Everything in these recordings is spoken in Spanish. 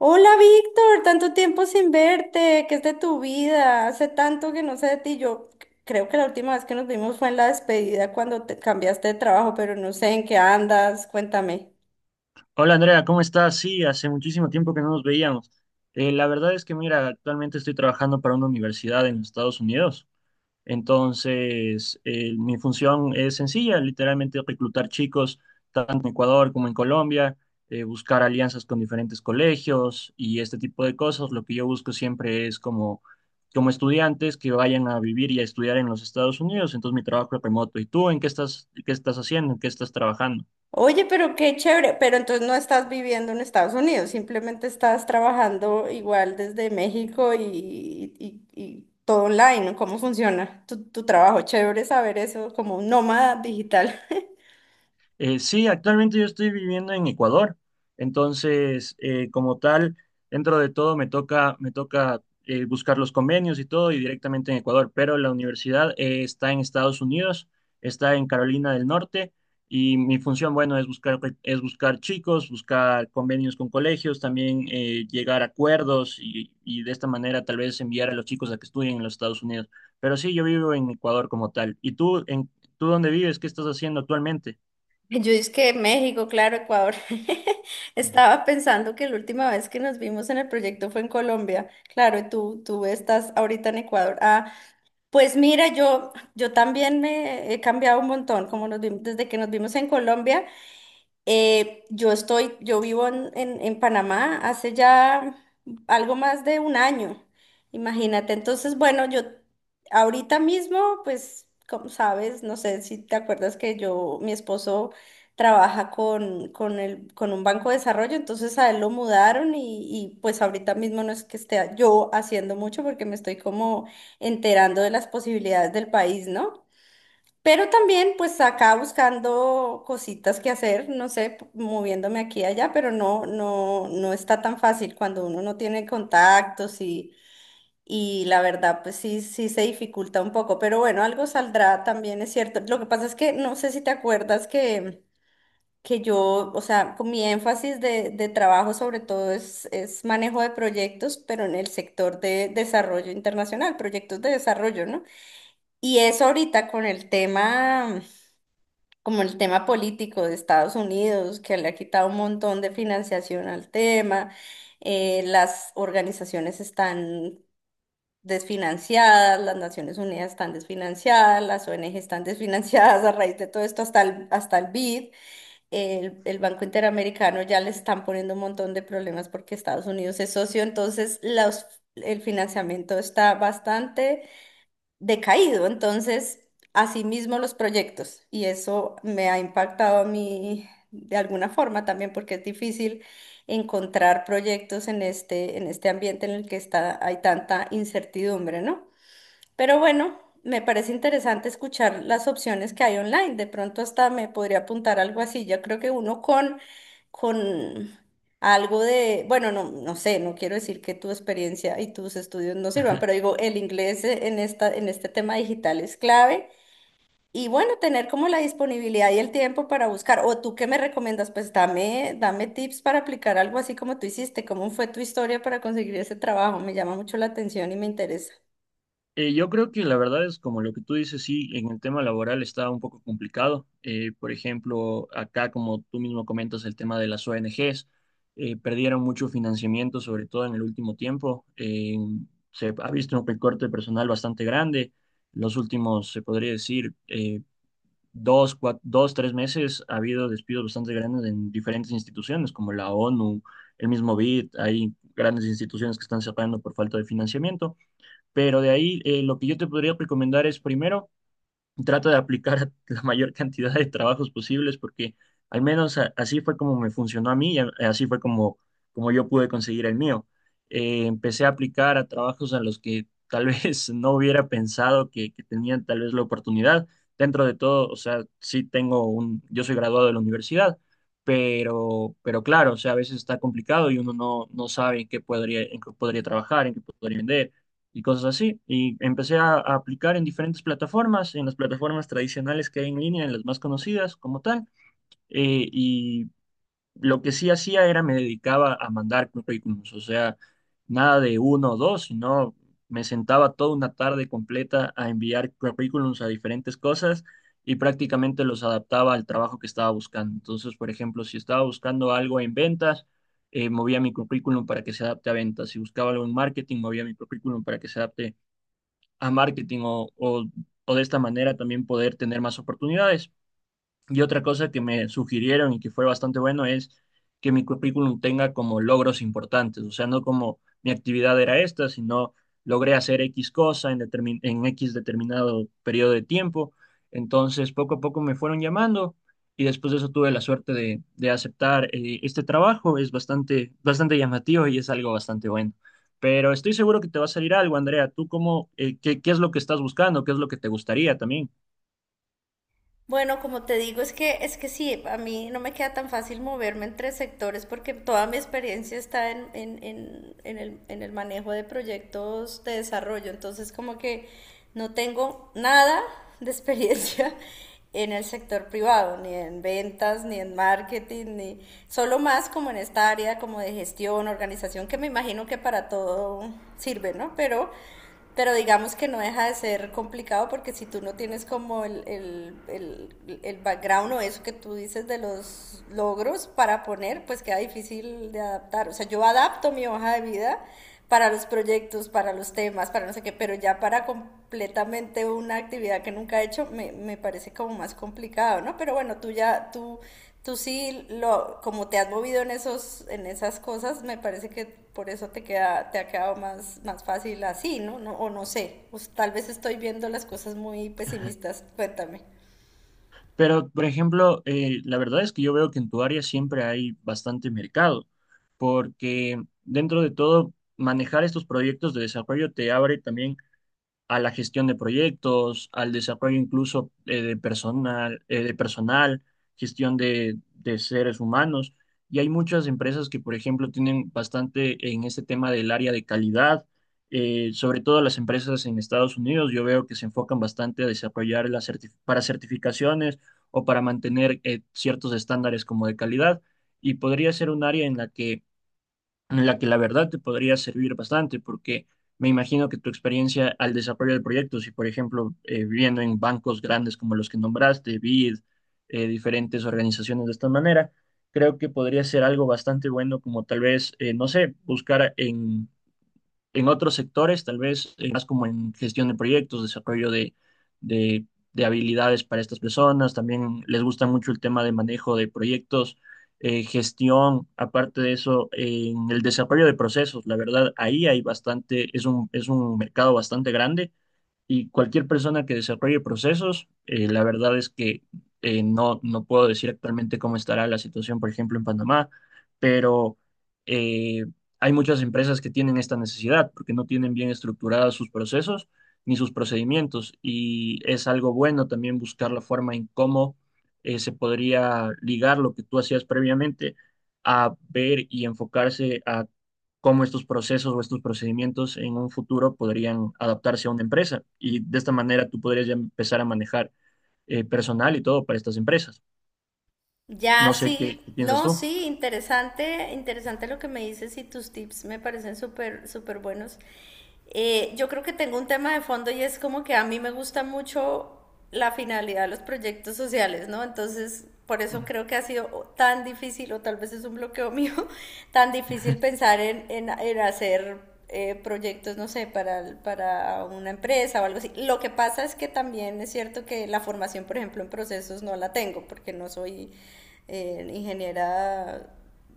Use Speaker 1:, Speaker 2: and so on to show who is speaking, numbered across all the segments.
Speaker 1: Hola Víctor, tanto tiempo sin verte, ¿qué es de tu vida? Hace tanto que no sé de ti. Yo creo que la última vez que nos vimos fue en la despedida cuando te cambiaste de trabajo, pero no sé en qué andas, cuéntame.
Speaker 2: Hola Andrea, ¿cómo estás? Sí, hace muchísimo tiempo que no nos veíamos. La verdad es que, mira, actualmente estoy trabajando para una universidad en Estados Unidos. Entonces, mi función es sencilla, literalmente reclutar chicos tanto en Ecuador como en Colombia, buscar alianzas con diferentes colegios y este tipo de cosas. Lo que yo busco siempre es como, como estudiantes que vayan a vivir y a estudiar en los Estados Unidos. Entonces, mi trabajo es remoto. ¿Y tú en qué estás haciendo? ¿En qué estás trabajando?
Speaker 1: Oye, pero qué chévere, pero entonces no estás viviendo en Estados Unidos, simplemente estás trabajando igual desde México y todo online, ¿no? ¿Cómo funciona tu trabajo? Chévere saber eso, como un nómada digital.
Speaker 2: Sí, actualmente yo estoy viviendo en Ecuador, entonces como tal, dentro de todo me toca, me toca buscar los convenios y todo y directamente en Ecuador, pero la universidad está en Estados Unidos, está en Carolina del Norte y mi función, bueno, es buscar chicos, buscar convenios con colegios, también llegar a acuerdos y de esta manera tal vez enviar a los chicos a que estudien en los Estados Unidos. Pero sí, yo vivo en Ecuador como tal. ¿Y tú, en, tú dónde vives? ¿Qué estás haciendo actualmente?
Speaker 1: Yo es que México, claro, Ecuador. Estaba pensando que la última vez que nos vimos en el proyecto fue en Colombia. Claro, y tú estás ahorita en Ecuador. Ah, pues mira, yo también me he cambiado un montón, como nos vimos, desde que nos vimos en Colombia. Yo estoy, yo vivo en Panamá hace ya algo más de un año, imagínate. Entonces, bueno, yo ahorita mismo, pues, como sabes, no sé si te acuerdas que yo, mi esposo trabaja con un banco de desarrollo, entonces a él lo mudaron y pues ahorita mismo no es que esté yo haciendo mucho porque me estoy como enterando de las posibilidades del país, ¿no? Pero también, pues acá buscando cositas que hacer, no sé, moviéndome aquí y allá, pero no, no, no está tan fácil cuando uno no tiene contactos y la verdad, pues sí, sí se dificulta un poco. Pero bueno, algo saldrá también, es cierto. Lo que pasa es que no sé si te acuerdas que yo, o sea, con mi énfasis de trabajo sobre todo es manejo de proyectos, pero en el sector de desarrollo internacional, proyectos de desarrollo, ¿no? Y eso ahorita con el tema como el tema político de Estados Unidos, que le ha quitado un montón de financiación al tema, las organizaciones están desfinanciadas, las Naciones Unidas están desfinanciadas, las ONG están desfinanciadas a raíz de todo esto, hasta el BID, el Banco Interamericano ya le están poniendo un montón de problemas porque Estados Unidos es socio, entonces el financiamiento está bastante decaído. Entonces, asimismo los proyectos. Y eso me ha impactado a mí de alguna forma también porque es difícil encontrar proyectos en este ambiente en el que está, hay tanta incertidumbre, ¿no? Pero bueno, me parece interesante escuchar las opciones que hay online. De pronto hasta me podría apuntar algo así. Yo creo que uno con algo de, bueno, no, no sé, no quiero decir que tu experiencia y tus estudios no sirvan, pero digo, el inglés en este tema digital es clave. Y bueno, tener como la disponibilidad y el tiempo para buscar. O tú qué me recomiendas, pues dame, dame tips para aplicar algo así como tú hiciste. ¿Cómo fue tu historia para conseguir ese trabajo? Me llama mucho la atención y me interesa.
Speaker 2: Yo creo que la verdad es como lo que tú dices, sí, en el tema laboral está un poco complicado. Por ejemplo, acá, como tú mismo comentas, el tema de las ONGs, perdieron mucho financiamiento, sobre todo en el último tiempo. Se ha visto un recorte de personal bastante grande. Los últimos, se podría decir, dos, dos, tres meses ha habido despidos bastante grandes en diferentes instituciones, como la ONU, el mismo BID, hay grandes instituciones que están cerrando por falta de financiamiento. Pero de ahí, lo que yo te podría recomendar es primero, trata de aplicar la mayor cantidad de trabajos posibles porque al menos así fue como me funcionó a mí y así fue como, como yo pude conseguir el mío. Empecé a aplicar a trabajos a los que tal vez no hubiera pensado que tenían tal vez la oportunidad. Dentro de todo, o sea, sí tengo un, yo soy graduado de la universidad, pero claro, o sea, a veces está complicado y uno no, no sabe en qué podría trabajar, en qué podría vender y cosas así. Y empecé a aplicar en diferentes plataformas, en las plataformas tradicionales que hay en línea, en las más conocidas como tal. Y lo que sí hacía era me dedicaba a mandar currículums, o sea, nada de uno o dos, sino me sentaba toda una tarde completa a enviar currículums a diferentes cosas. Y prácticamente los adaptaba al trabajo que estaba buscando. Entonces, por ejemplo, si estaba buscando algo en ventas, movía mi currículum para que se adapte a ventas. Si buscaba algo en marketing, movía mi currículum para que se adapte a marketing o de esta manera también poder tener más oportunidades. Y otra cosa que me sugirieron y que fue bastante bueno es que mi currículum tenga como logros importantes, o sea, no como mi actividad era esta, sino logré hacer X cosa en, en X determinado periodo de tiempo. Entonces, poco a poco me fueron llamando y después de eso tuve la suerte de aceptar este trabajo. Es bastante, bastante llamativo y es algo bastante bueno. Pero estoy seguro que te va a salir algo, Andrea. ¿Tú cómo, qué, qué es lo que estás buscando? ¿Qué es lo que te gustaría también?
Speaker 1: Bueno, como te digo, es que sí, a mí no me queda tan fácil moverme entre sectores porque toda mi experiencia está en el manejo de proyectos de desarrollo, entonces como que no tengo nada de experiencia en el sector privado, ni en ventas, ni en marketing, ni solo más como en esta área como de gestión, organización, que me imagino que para todo sirve, ¿no? Pero digamos que no deja de ser complicado porque si tú no tienes como el background o eso que tú dices de los logros para poner, pues queda difícil de adaptar. O sea, yo adapto mi hoja de vida para los proyectos, para los temas, para no sé qué, pero ya para completamente una actividad que nunca he hecho me parece como más complicado, ¿no? Pero bueno, tú sí, lo, como te has movido en, esos, en esas cosas, me parece que por eso queda, te ha quedado más, más fácil así, ¿no? no o no sé, pues, tal vez estoy viendo las cosas muy pesimistas, cuéntame.
Speaker 2: Pero, por ejemplo, la verdad es que yo veo que en tu área siempre hay bastante mercado, porque dentro de todo, manejar estos proyectos de desarrollo te abre también a la gestión de proyectos, al desarrollo incluso de personal, de personal, gestión de seres humanos. Y hay muchas empresas que, por ejemplo, tienen bastante en este tema del área de calidad, sobre todo las empresas en Estados Unidos. Yo veo que se enfocan bastante a desarrollar las para certificaciones o para mantener ciertos estándares como de calidad. Y podría ser un área en la que la verdad te podría servir bastante, porque me imagino que tu experiencia al desarrollo del proyecto, si por ejemplo, viviendo en bancos grandes como los que nombraste, BID, diferentes organizaciones de esta manera, creo que podría ser algo bastante bueno como tal vez, no sé, buscar en otros sectores, tal vez más como en gestión de proyectos, desarrollo de, de habilidades para estas personas, también les gusta mucho el tema de manejo de proyectos, gestión, aparte de eso, en el desarrollo de procesos, la verdad, ahí hay bastante, es un mercado bastante grande y cualquier persona que desarrolle procesos, la verdad es que no, no puedo decir actualmente cómo estará la situación, por ejemplo, en Panamá, pero eh, hay muchas empresas que tienen esta necesidad porque no tienen bien estructurados sus procesos ni sus procedimientos. Y es algo bueno también buscar la forma en cómo se podría ligar lo que tú hacías previamente a ver y enfocarse a cómo estos procesos o estos procedimientos en un futuro podrían adaptarse a una empresa. Y de esta manera tú podrías ya empezar a manejar personal y todo para estas empresas.
Speaker 1: Ya,
Speaker 2: No sé qué,
Speaker 1: sí,
Speaker 2: qué piensas
Speaker 1: no,
Speaker 2: tú.
Speaker 1: sí, interesante, interesante lo que me dices y tus tips me parecen súper, súper buenos. Yo creo que tengo un tema de fondo y es como que a mí me gusta mucho la finalidad de los proyectos sociales, ¿no? Entonces, por eso creo que ha sido tan difícil, o tal vez es un bloqueo mío, tan difícil pensar en hacer proyectos, no sé, para una empresa o algo así. Lo que pasa es que también es cierto que la formación, por ejemplo, en procesos no la tengo porque no soy ingeniera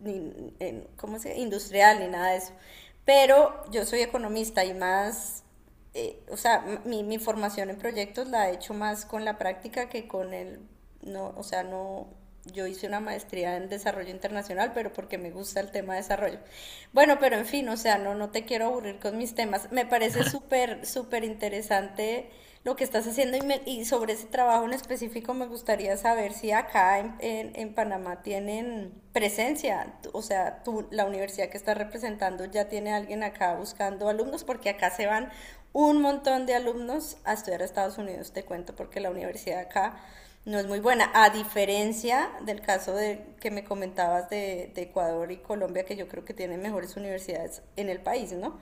Speaker 1: ni, en, ¿cómo se? Industrial ni nada de eso. Pero yo soy economista y más o sea, mi formación en proyectos la he hecho más con la práctica que con el, no, o sea, no, yo hice una maestría en desarrollo internacional, pero porque me gusta el tema de desarrollo. Bueno, pero en fin, o sea, no, no te quiero aburrir con mis temas. Me parece súper, súper interesante lo que estás haciendo y, me, y sobre ese trabajo en específico me gustaría saber si acá en Panamá tienen presencia, o sea, tú, la universidad que estás representando ya tiene alguien acá buscando alumnos, porque acá se van un montón de alumnos a estudiar a Estados Unidos, te cuento, porque la universidad acá no es muy buena, a diferencia del caso de, que me comentabas de Ecuador y Colombia, que yo creo que tienen mejores universidades en el país, ¿no?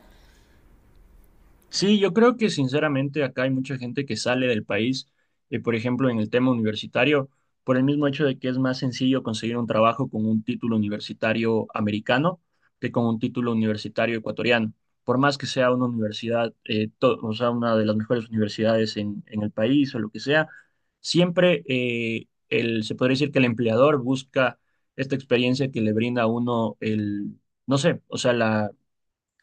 Speaker 2: Sí, yo creo que sinceramente acá hay mucha gente que sale del país, por ejemplo, en el tema universitario, por el mismo hecho de que es más sencillo conseguir un trabajo con un título universitario americano que con un título universitario ecuatoriano. Por más que sea una universidad, o sea, una de las mejores universidades en el país o lo que sea, siempre el, se podría decir que el empleador busca esta experiencia que le brinda a uno el, no sé, o sea,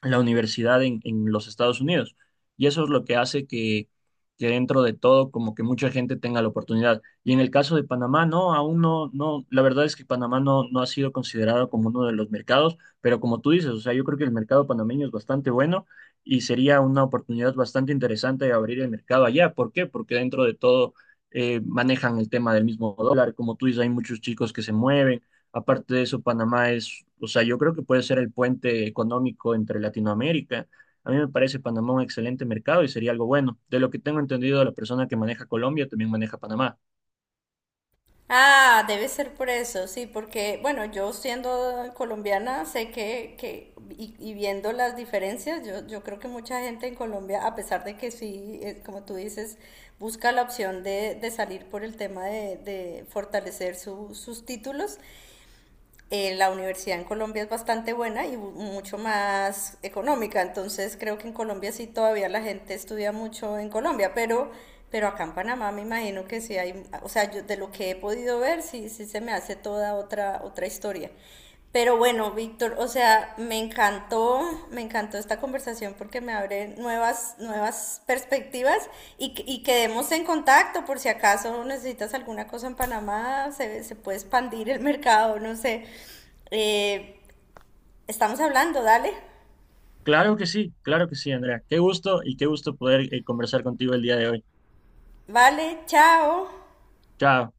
Speaker 2: la universidad en los Estados Unidos. Y eso es lo que hace que dentro de todo como que mucha gente tenga la oportunidad. Y en el caso de Panamá, no, aún no, no, la verdad es que Panamá no, no ha sido considerado como uno de los mercados, pero como tú dices, o sea, yo creo que el mercado panameño es bastante bueno y sería una oportunidad bastante interesante de abrir el mercado allá. ¿Por qué? Porque dentro de todo manejan el tema del mismo dólar, como tú dices, hay muchos chicos que se mueven. Aparte de eso, Panamá es, o sea, yo creo que puede ser el puente económico entre Latinoamérica. A mí me parece Panamá un excelente mercado y sería algo bueno. De lo que tengo entendido, la persona que maneja Colombia también maneja Panamá.
Speaker 1: Ah, debe ser por eso, sí, porque, bueno, yo siendo colombiana, sé que y viendo las diferencias, yo creo que mucha gente en Colombia, a pesar de que sí, como tú dices, busca la opción de salir por el tema de fortalecer sus títulos, la universidad en Colombia es bastante buena y mucho más económica, entonces creo que en Colombia sí todavía la gente estudia mucho en Colombia, pero acá en Panamá me imagino que sí hay, o sea, yo de lo que he podido ver sí, sí se me hace toda otra, otra historia. Pero bueno, Víctor, o sea, me encantó esta conversación porque me abre nuevas, nuevas perspectivas y, y quedemos en contacto por si acaso necesitas alguna cosa en Panamá, se puede expandir el mercado, no sé. Eh, estamos hablando, dale.
Speaker 2: Claro que sí, Andrea. Qué gusto y qué gusto poder conversar contigo el día de hoy.
Speaker 1: Vale, chao.
Speaker 2: Chao.